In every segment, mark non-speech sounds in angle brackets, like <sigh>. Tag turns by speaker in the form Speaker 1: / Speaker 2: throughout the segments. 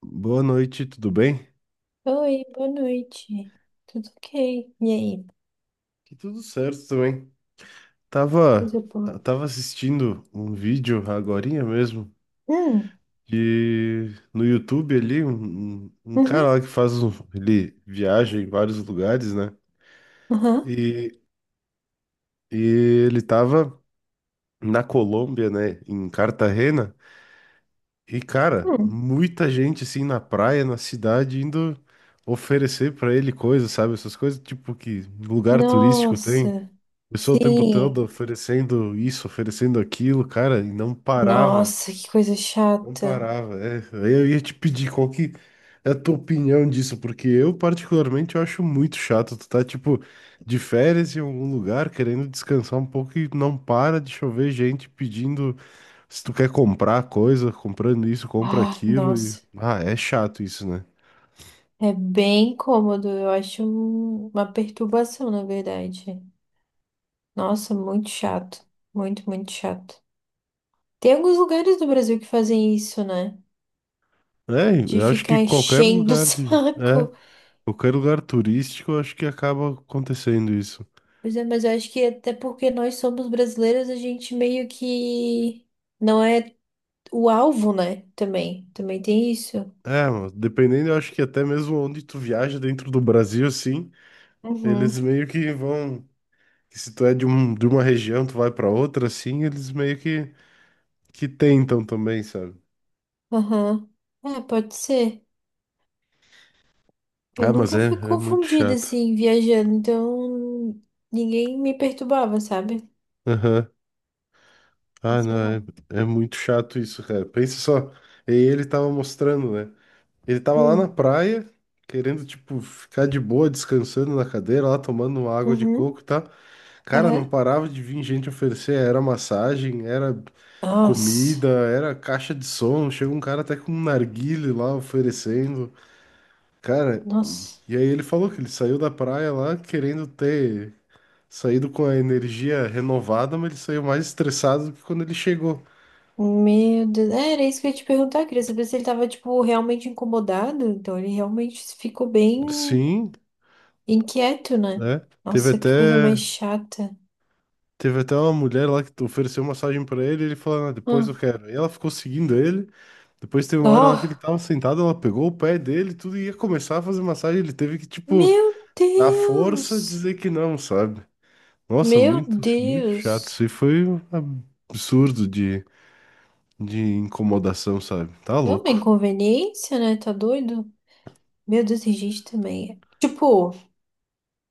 Speaker 1: Boa noite, tudo bem?
Speaker 2: Oi, boa noite. Tudo ok? E aí?
Speaker 1: Que tudo certo também. Tava,
Speaker 2: Coisa boa.
Speaker 1: tava assistindo um vídeo agorinha mesmo,
Speaker 2: Hum,
Speaker 1: de no YouTube ali, um
Speaker 2: uhum,
Speaker 1: cara lá que faz um, ele viaja em vários lugares, né?
Speaker 2: aham,
Speaker 1: E, e ele tava na Colômbia, né, em Cartagena, e cara,
Speaker 2: hum.
Speaker 1: muita gente assim na praia, na cidade, indo oferecer pra ele coisas, sabe? Essas coisas tipo que lugar turístico tem.
Speaker 2: Nossa,
Speaker 1: Pessoal, o tempo todo
Speaker 2: sim.
Speaker 1: oferecendo isso, oferecendo aquilo, cara, e não parava,
Speaker 2: Nossa, que coisa
Speaker 1: não
Speaker 2: chata.
Speaker 1: parava. É, aí eu ia te pedir qual que é a tua opinião disso, porque eu particularmente eu acho muito chato. Tu tá, tipo, de férias em algum lugar, querendo descansar um pouco e não para de chover gente pedindo se tu quer comprar coisa, comprando isso, compra
Speaker 2: Ai,
Speaker 1: aquilo. E...
Speaker 2: nossa.
Speaker 1: Ah, é chato isso, né?
Speaker 2: É bem cômodo, eu acho uma perturbação, na verdade. Nossa, muito chato. Muito, muito chato. Tem alguns lugares do Brasil que fazem isso, né?
Speaker 1: É,
Speaker 2: De
Speaker 1: eu acho que
Speaker 2: ficar
Speaker 1: qualquer
Speaker 2: enchendo o <laughs>
Speaker 1: lugar de... É,
Speaker 2: saco.
Speaker 1: qualquer lugar turístico, eu acho que acaba acontecendo isso.
Speaker 2: Pois é, mas eu acho que até porque nós somos brasileiros, a gente meio que não é o alvo, né? Também. Também tem isso.
Speaker 1: É, mano, dependendo, eu acho que até mesmo onde tu viaja dentro do Brasil, assim, eles
Speaker 2: Uhum.
Speaker 1: meio que vão. Que Se tu é de, um, de uma região, tu vai pra outra, assim, eles meio que tentam também, sabe?
Speaker 2: Aham. É, pode ser. Eu
Speaker 1: Ah, mas
Speaker 2: nunca
Speaker 1: é,
Speaker 2: fui
Speaker 1: é muito
Speaker 2: confundida
Speaker 1: chato.
Speaker 2: assim, viajando, então ninguém me perturbava, sabe?
Speaker 1: Aham. Ah,
Speaker 2: Mas
Speaker 1: não,
Speaker 2: Sei lá.
Speaker 1: é, é muito chato isso, cara. Pensa só. E ele tava mostrando, né? Ele tava lá na
Speaker 2: Hum.
Speaker 1: praia, querendo, tipo, ficar de boa, descansando na cadeira, lá tomando água de
Speaker 2: Uhum.
Speaker 1: coco e tal. Cara, não
Speaker 2: Aham.
Speaker 1: parava de vir gente oferecer, era massagem, era comida,
Speaker 2: Nossa.
Speaker 1: era caixa de som. Chega um cara até com um narguilé lá oferecendo. Cara,
Speaker 2: Nossa.
Speaker 1: e aí ele falou que ele saiu da praia lá querendo ter saído com a energia renovada, mas ele saiu mais estressado do que quando ele chegou.
Speaker 2: Meu Deus. É, era isso que eu ia te perguntar, queria saber se ele tava, tipo, realmente incomodado. Então ele realmente ficou bem.
Speaker 1: Sim,
Speaker 2: Inquieto, né?
Speaker 1: né? Teve
Speaker 2: Nossa, que coisa mais
Speaker 1: até.
Speaker 2: chata.
Speaker 1: Teve até uma mulher lá que ofereceu massagem pra ele, e ele falou, "Ah, depois eu
Speaker 2: Ah.
Speaker 1: quero." E ela ficou seguindo ele. Depois teve uma hora lá que ele
Speaker 2: Oh,
Speaker 1: tava sentado, ela pegou o pé dele, e tudo e ia começar a fazer massagem. Ele teve que, tipo,
Speaker 2: meu
Speaker 1: na força
Speaker 2: Deus!
Speaker 1: dizer que não, sabe? Nossa,
Speaker 2: Meu
Speaker 1: muito, muito chato. Isso
Speaker 2: Deus!
Speaker 1: aí foi um absurdo de incomodação, sabe? Tá
Speaker 2: É uma
Speaker 1: louco.
Speaker 2: inconveniência, né? Tá doido? Meu Deus, tem gente também. Tipo,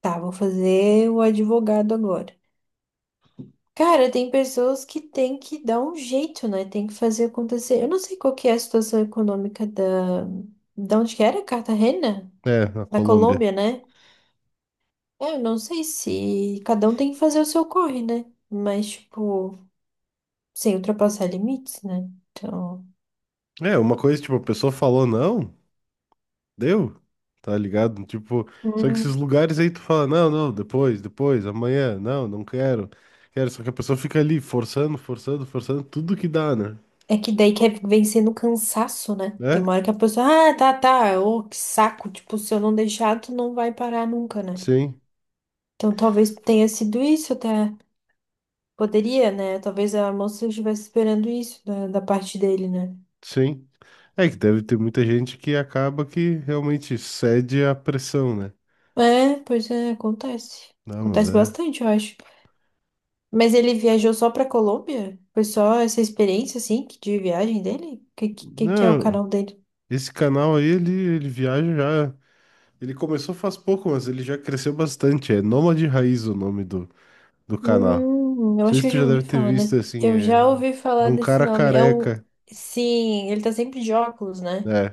Speaker 2: tá, vou fazer o advogado agora. Cara, tem pessoas que tem que dar um jeito, né? Tem que fazer acontecer. Eu não sei qual que é a situação econômica da... Da onde que era? Cartagena?
Speaker 1: É, a
Speaker 2: Da
Speaker 1: Colômbia.
Speaker 2: Colômbia, né? É, eu não sei se cada um tem que fazer o seu corre, né? Mas, tipo, sem ultrapassar limites, né? Então.
Speaker 1: É, uma coisa, tipo, a pessoa falou não, deu, tá ligado? Tipo, só que
Speaker 2: Hum.
Speaker 1: esses lugares aí tu fala, não, não, depois, depois, amanhã, não, não quero, quero. Só que a pessoa fica ali forçando, forçando, forçando, tudo que dá, né?
Speaker 2: É que daí quer vencer no cansaço, né? Tem
Speaker 1: É,
Speaker 2: uma hora que a pessoa, ah, tá, tá, ô, que saco. Tipo, se eu não deixar, tu não vai parar nunca, né?
Speaker 1: sim,
Speaker 2: Então talvez tenha sido isso até. Poderia, né? Talvez a moça estivesse esperando isso da parte dele, né?
Speaker 1: sim. É que deve ter muita gente que acaba que realmente cede à pressão, né?
Speaker 2: É, pois é, acontece.
Speaker 1: Não, mas
Speaker 2: Acontece
Speaker 1: é.
Speaker 2: bastante, eu acho. Mas ele viajou só pra Colômbia? Foi só essa experiência, assim, de viagem dele? O que que é o
Speaker 1: Não,
Speaker 2: canal dele?
Speaker 1: esse canal aí, ele viaja já. Ele começou faz pouco, mas ele já cresceu bastante. É Nômade Raiz o nome do, do canal.
Speaker 2: Eu
Speaker 1: Não sei
Speaker 2: acho que
Speaker 1: se
Speaker 2: eu
Speaker 1: tu já
Speaker 2: já
Speaker 1: deve
Speaker 2: ouvi
Speaker 1: ter
Speaker 2: falar
Speaker 1: visto
Speaker 2: nesse...
Speaker 1: assim.
Speaker 2: Eu já
Speaker 1: É,
Speaker 2: ouvi
Speaker 1: é
Speaker 2: falar
Speaker 1: um
Speaker 2: desse
Speaker 1: cara
Speaker 2: nome. É um...
Speaker 1: careca,
Speaker 2: Sim, ele tá sempre de óculos, né?
Speaker 1: né?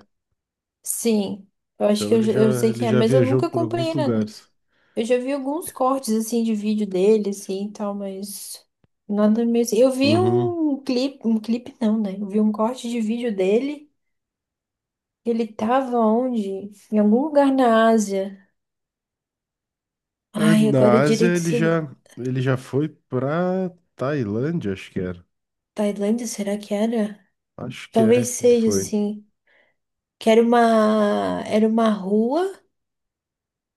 Speaker 2: Sim. Eu acho
Speaker 1: Então
Speaker 2: que eu, já- eu sei
Speaker 1: ele
Speaker 2: quem é,
Speaker 1: já
Speaker 2: mas eu
Speaker 1: viajou
Speaker 2: nunca
Speaker 1: por alguns
Speaker 2: acompanhei nada.
Speaker 1: lugares.
Speaker 2: Eu já vi alguns cortes, assim, de vídeo dele, assim, e tal, mas... Nada mesmo. Eu vi
Speaker 1: Uhum.
Speaker 2: um clipe... Um clipe não, né? Eu vi um corte de vídeo dele. Ele tava onde? Em algum lugar na Ásia.
Speaker 1: É,
Speaker 2: Ai,
Speaker 1: na
Speaker 2: agora
Speaker 1: Ásia
Speaker 2: direito se.
Speaker 1: ele já foi pra Tailândia, acho que era.
Speaker 2: Tailândia, será que era?
Speaker 1: Acho que é
Speaker 2: Talvez
Speaker 1: que ele
Speaker 2: seja
Speaker 1: foi.
Speaker 2: assim. Que era uma rua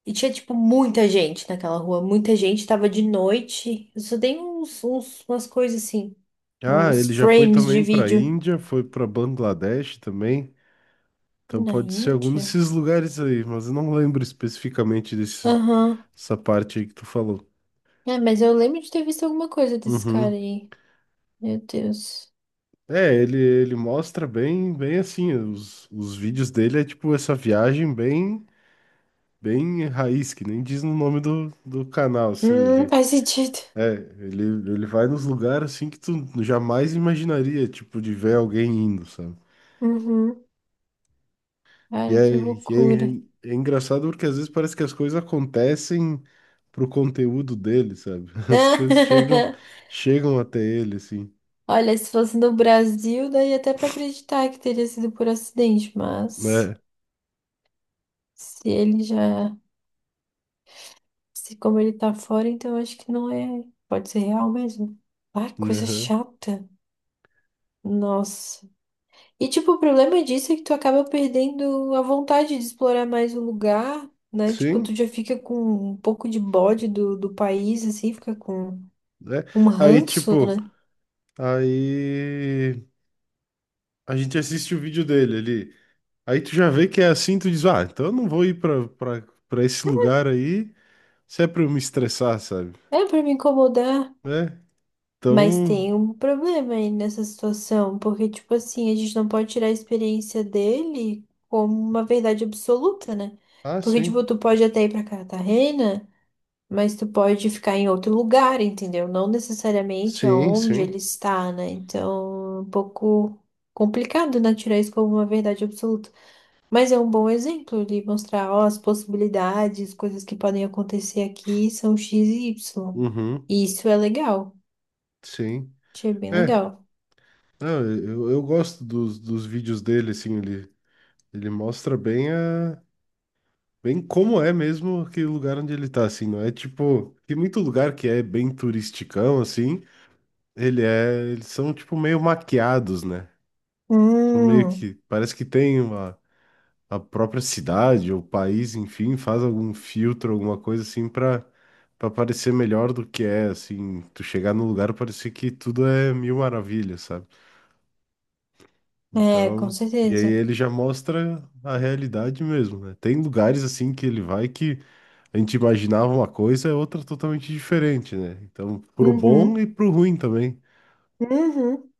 Speaker 2: e tinha tipo muita gente naquela rua, muita gente, tava de noite. Eu só dei uns, uns umas coisas assim,
Speaker 1: Ah,
Speaker 2: uns
Speaker 1: ele já foi
Speaker 2: frames de
Speaker 1: também pra
Speaker 2: vídeo
Speaker 1: Índia, foi pra Bangladesh também. Então
Speaker 2: na
Speaker 1: pode ser algum
Speaker 2: Índia.
Speaker 1: desses lugares aí, mas eu não lembro especificamente desse,
Speaker 2: Aham.
Speaker 1: dessa parte aí que tu falou.
Speaker 2: É, mas eu lembro de ter visto alguma coisa desse cara
Speaker 1: Uhum.
Speaker 2: aí. Meu Deus.
Speaker 1: É, ele mostra bem, bem assim, os vídeos dele é tipo essa viagem bem, bem raiz, que nem diz no nome do, do canal, assim, ele,
Speaker 2: Faz sentido.
Speaker 1: é, ele, ele vai nos lugares assim que tu jamais imaginaria, tipo, de ver alguém indo, sabe?
Speaker 2: Uhum. Cara, que loucura.
Speaker 1: E é, é engraçado porque às vezes parece que as coisas acontecem pro conteúdo dele, sabe? <laughs> As coisas chegam,
Speaker 2: <laughs>
Speaker 1: chegam até ele, assim,
Speaker 2: Olha, se fosse no Brasil, daí até pra acreditar que teria sido por acidente, mas
Speaker 1: É,
Speaker 2: se ele já, se como ele tá fora, então acho que não é, pode ser real mesmo. Ah, coisa
Speaker 1: né?
Speaker 2: chata. Nossa. E tipo, o problema disso é que tu acaba perdendo a vontade de explorar mais o lugar, né? Tipo, tu
Speaker 1: Sim,
Speaker 2: já fica com um pouco de bode do país, assim, fica com
Speaker 1: né?
Speaker 2: um
Speaker 1: Aí,
Speaker 2: ranço,
Speaker 1: tipo,
Speaker 2: né?
Speaker 1: aí a gente assiste o vídeo dele ali. Aí tu já vê que é assim, tu diz, ah, então eu não vou ir pra, pra, pra esse lugar aí se é pra eu me estressar, sabe?
Speaker 2: É pra me incomodar.
Speaker 1: Né?
Speaker 2: Mas
Speaker 1: Então,
Speaker 2: tem um problema aí nessa situação, porque, tipo assim, a gente não pode tirar a experiência dele como uma verdade absoluta, né?
Speaker 1: ah,
Speaker 2: Porque, tipo,
Speaker 1: sim.
Speaker 2: tu pode até ir pra Cartagena, mas tu pode ficar em outro lugar, entendeu? Não necessariamente
Speaker 1: Sim,
Speaker 2: aonde
Speaker 1: sim.
Speaker 2: ele está, né? Então, é um pouco complicado, né? Tirar isso como uma verdade absoluta. Mas é um bom exemplo de mostrar, ó, as possibilidades, coisas que podem acontecer aqui são X e Y.
Speaker 1: Uhum,
Speaker 2: E isso é legal.
Speaker 1: sim.
Speaker 2: Achei bem
Speaker 1: É,
Speaker 2: legal.
Speaker 1: não, eu gosto dos, dos vídeos dele, assim, ele mostra bem a, bem, como é mesmo aquele lugar onde ele tá, assim, não é tipo, tem muito lugar que é bem turisticão, assim, ele é, eles são tipo meio maquiados, né? São meio
Speaker 2: Hum,
Speaker 1: que, parece que tem uma, a própria cidade ou país, enfim, faz algum filtro, alguma coisa assim pra, pra parecer melhor do que é, assim, tu chegar no lugar parecer que tudo é mil maravilhas, sabe?
Speaker 2: é, com
Speaker 1: Então, e aí
Speaker 2: certeza.
Speaker 1: ele já mostra a realidade mesmo, né? Tem lugares assim que ele vai que a gente imaginava uma coisa, é outra totalmente diferente, né? Então, pro bom
Speaker 2: Uhum,
Speaker 1: e pro ruim também.
Speaker 2: uhum.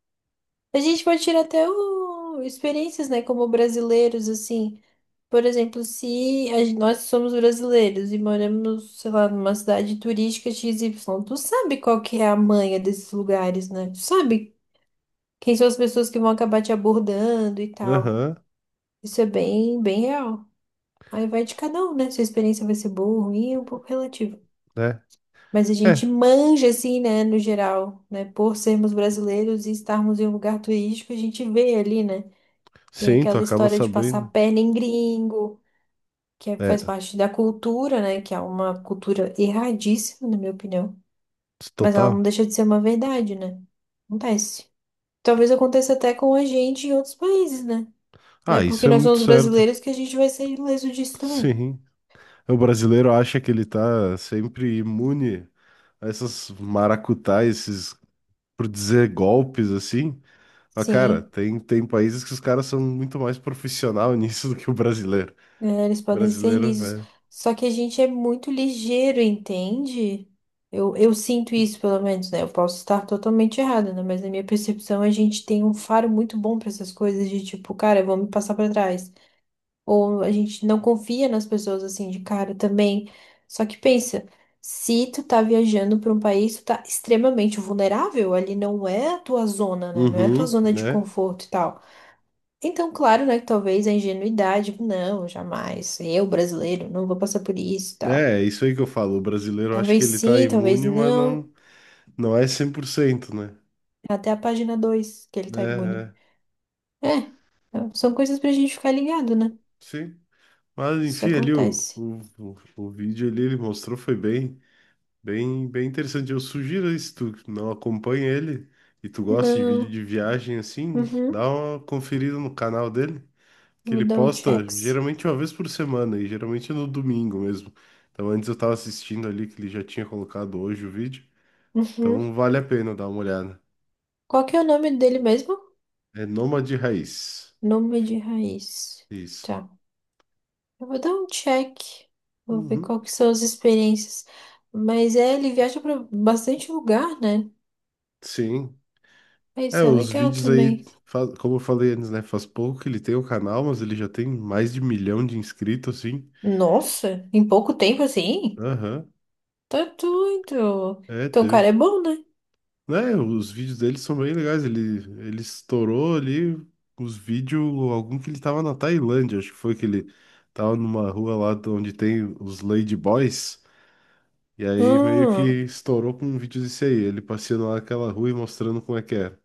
Speaker 2: A gente pode tirar até experiências, né, como brasileiros, assim. Por exemplo, se nós somos brasileiros e moramos, sei lá, numa cidade turística XY, tu sabe qual que é a manha desses lugares, né? Tu sabe quem são as pessoas que vão acabar te abordando e tal.
Speaker 1: Aham,
Speaker 2: Isso é bem, bem real. Aí vai de cada um, né? Se a experiência vai ser boa ou ruim, é um pouco relativo.
Speaker 1: né?
Speaker 2: Mas a
Speaker 1: É,
Speaker 2: gente manja, assim, né, no geral, né? Por sermos brasileiros e estarmos em um lugar turístico, a gente vê ali, né? Tem
Speaker 1: sim, tu
Speaker 2: aquela
Speaker 1: acaba
Speaker 2: história de passar a
Speaker 1: sabendo.
Speaker 2: perna em gringo, faz
Speaker 1: É,
Speaker 2: parte da cultura, né? Que é uma cultura erradíssima, na minha opinião. Mas ela não
Speaker 1: total.
Speaker 2: deixa de ser uma verdade, né? Acontece. Talvez aconteça até com a gente em outros países, né? Não é
Speaker 1: Ah, isso
Speaker 2: porque
Speaker 1: é
Speaker 2: nós
Speaker 1: muito
Speaker 2: somos
Speaker 1: certo.
Speaker 2: brasileiros que a gente vai ser ileso disso também.
Speaker 1: Sim. O brasileiro acha que ele tá sempre imune a essas maracutais, esses, por dizer, golpes assim. Mas, cara,
Speaker 2: Sim.
Speaker 1: tem países que os caras são muito mais profissional <laughs> nisso do que o brasileiro.
Speaker 2: É, eles podem ser
Speaker 1: Brasileiro,
Speaker 2: lisos.
Speaker 1: é.
Speaker 2: Só que a gente é muito ligeiro, entende? Eu sinto isso, pelo menos, né? Eu posso estar totalmente errada, né? Mas na minha percepção, a gente tem um faro muito bom para essas coisas de tipo, cara, vamos passar para trás. Ou a gente não confia nas pessoas assim de cara também. Só que pensa, se tu tá viajando para um país, tu tá extremamente vulnerável. Ali não é a tua zona, né? Não é a tua
Speaker 1: Uhum,
Speaker 2: zona de
Speaker 1: né?
Speaker 2: conforto e tal. Então, claro, né, que talvez a ingenuidade, não, jamais, eu brasileiro, não vou passar por isso e tal.
Speaker 1: É, é isso aí que eu falo. O brasileiro eu acho
Speaker 2: Talvez
Speaker 1: que ele tá
Speaker 2: sim, talvez
Speaker 1: imune, mas não,
Speaker 2: não,
Speaker 1: não é 100%, né?
Speaker 2: até a página 2 que ele
Speaker 1: É,
Speaker 2: tá imune.
Speaker 1: é.
Speaker 2: É, é, são coisas pra gente ficar ligado, né?
Speaker 1: Sim. Mas,
Speaker 2: que Isso
Speaker 1: enfim, ali o,
Speaker 2: acontece.
Speaker 1: o, o, o vídeo ali ele mostrou foi bem, bem, bem interessante. Eu sugiro aí, se tu não acompanha ele e tu gosta de vídeo
Speaker 2: Não,
Speaker 1: de viagem assim,
Speaker 2: uhum,
Speaker 1: dá uma conferida no canal dele. Que
Speaker 2: vou
Speaker 1: ele
Speaker 2: dar um
Speaker 1: posta
Speaker 2: checks.
Speaker 1: geralmente uma vez por semana e geralmente é no domingo mesmo. Então antes eu tava assistindo ali que ele já tinha colocado hoje o vídeo.
Speaker 2: Uhum.
Speaker 1: Então vale a pena dar uma olhada.
Speaker 2: Qual que é o nome dele mesmo?
Speaker 1: É Nômade Raiz.
Speaker 2: Nome de raiz.
Speaker 1: Isso.
Speaker 2: Tá, eu vou dar um check, vou ver
Speaker 1: Uhum.
Speaker 2: qual que são as experiências. Mas é, ele viaja pra bastante lugar, né?
Speaker 1: Sim.
Speaker 2: Ah,
Speaker 1: É,
Speaker 2: Isso é
Speaker 1: os
Speaker 2: legal
Speaker 1: vídeos aí,
Speaker 2: também.
Speaker 1: como eu falei antes, né? Faz pouco que ele tem o canal, mas ele já tem mais de milhão de inscritos, assim.
Speaker 2: Nossa, em pouco tempo assim?
Speaker 1: Aham.
Speaker 2: Tá doido.
Speaker 1: É,
Speaker 2: Então o
Speaker 1: teve,
Speaker 2: cara é bom, né?
Speaker 1: né, os vídeos dele são bem legais. Ele estourou ali os vídeos, algum que ele tava na Tailândia, acho que foi que ele tava numa rua lá de onde tem os Lady Boys, e aí meio que
Speaker 2: Hum,
Speaker 1: estourou com um vídeo desse aí, ele passeando lá naquela rua e mostrando como é que era.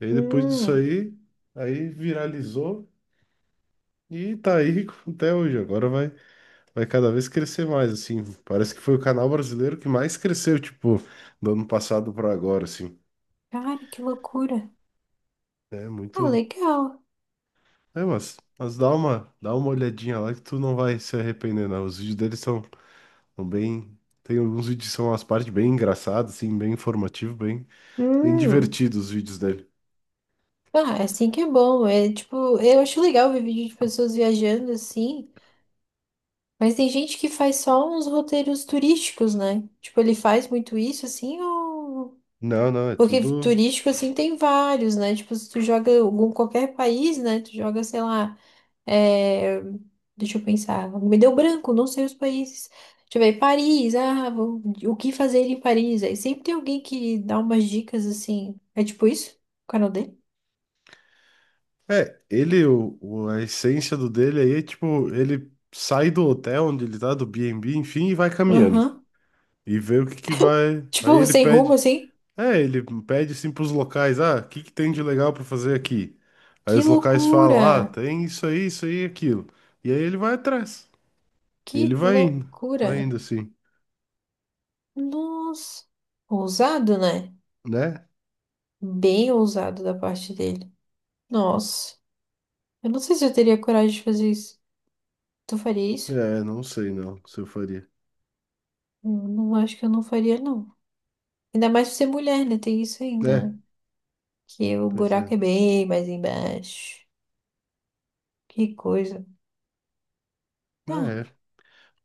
Speaker 1: E aí depois disso
Speaker 2: hum.
Speaker 1: aí, aí viralizou e tá aí <laughs> até hoje. Agora vai, vai cada vez crescer mais, assim. Parece que foi o canal brasileiro que mais cresceu, tipo, do ano passado pra agora, assim.
Speaker 2: Cara, que loucura.
Speaker 1: É
Speaker 2: Ah,
Speaker 1: muito,
Speaker 2: legal.
Speaker 1: é, mas dá uma olhadinha lá que tu não vai se arrepender, não. Os vídeos deles são, são bem. Tem alguns vídeos que são as partes bem engraçadas, assim, bem informativo, bem, bem
Speaker 2: Hum.
Speaker 1: divertidos os vídeos dele.
Speaker 2: Ah, é assim que é bom. É tipo, eu acho legal ver vídeo de pessoas viajando assim. Mas tem gente que faz só uns roteiros turísticos, né? Tipo, ele faz muito isso assim ou.
Speaker 1: Não, não, é
Speaker 2: Porque
Speaker 1: tudo.
Speaker 2: turístico assim tem vários, né? Tipo, se tu joga algum qualquer país, né? Tu joga, sei lá. É, deixa eu pensar. Me deu branco, não sei os países. Deixa eu ver, Paris, ah, o que fazer em Paris? Aí sempre tem alguém que dá umas dicas assim. É tipo isso? O canal dele?
Speaker 1: É, ele, o a essência do dele aí é tipo, ele sai do hotel onde ele tá, do B&B, enfim, e vai caminhando.
Speaker 2: Aham.
Speaker 1: E vê o que que vai. Aí
Speaker 2: Tipo, <laughs>
Speaker 1: ele
Speaker 2: sem rumo,
Speaker 1: pede.
Speaker 2: assim?
Speaker 1: É, ele pede assim pros locais, ah, o que que tem de legal pra fazer aqui? Aí
Speaker 2: Que
Speaker 1: os locais falam,
Speaker 2: loucura!
Speaker 1: ah, tem isso aí, e aquilo. E aí ele vai atrás. E
Speaker 2: Que
Speaker 1: ele
Speaker 2: loucura!
Speaker 1: vai indo assim,
Speaker 2: Nossa! Ousado, né?
Speaker 1: né?
Speaker 2: Bem ousado da parte dele. Nossa, eu não sei se eu teria coragem de fazer isso. Tu faria isso?
Speaker 1: É, não sei não, se eu faria.
Speaker 2: Eu não acho que eu não faria, não. Ainda mais por ser mulher, né? Tem isso ainda,
Speaker 1: É,
Speaker 2: né? que o
Speaker 1: pois é.
Speaker 2: buraco é bem mais embaixo. Que coisa. Ah,
Speaker 1: É,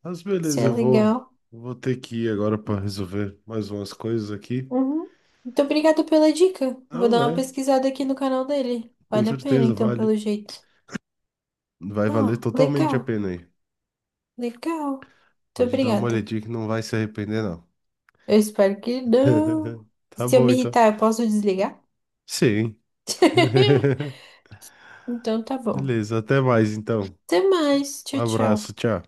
Speaker 1: mas
Speaker 2: isso
Speaker 1: beleza, eu
Speaker 2: é
Speaker 1: vou,
Speaker 2: legal.
Speaker 1: vou ter que ir agora pra resolver mais umas coisas aqui.
Speaker 2: Uhum. Muito obrigada pela dica. Eu vou
Speaker 1: Não,
Speaker 2: dar uma
Speaker 1: é,
Speaker 2: pesquisada aqui no canal dele.
Speaker 1: com
Speaker 2: Vale a pena,
Speaker 1: certeza
Speaker 2: então,
Speaker 1: vale,
Speaker 2: pelo jeito.
Speaker 1: vai valer
Speaker 2: Ah,
Speaker 1: totalmente a
Speaker 2: legal,
Speaker 1: pena aí.
Speaker 2: legal. Muito
Speaker 1: Pode dar uma
Speaker 2: obrigada.
Speaker 1: olhadinha que não vai se arrepender não.
Speaker 2: Eu espero que não.
Speaker 1: <laughs> Tá
Speaker 2: Se eu
Speaker 1: bom
Speaker 2: me
Speaker 1: então.
Speaker 2: irritar, eu posso desligar?
Speaker 1: Sim.
Speaker 2: <laughs>
Speaker 1: <laughs>
Speaker 2: Então tá bom.
Speaker 1: Beleza, até mais então.
Speaker 2: Até mais.
Speaker 1: Um
Speaker 2: Tchau, tchau.
Speaker 1: abraço, tchau.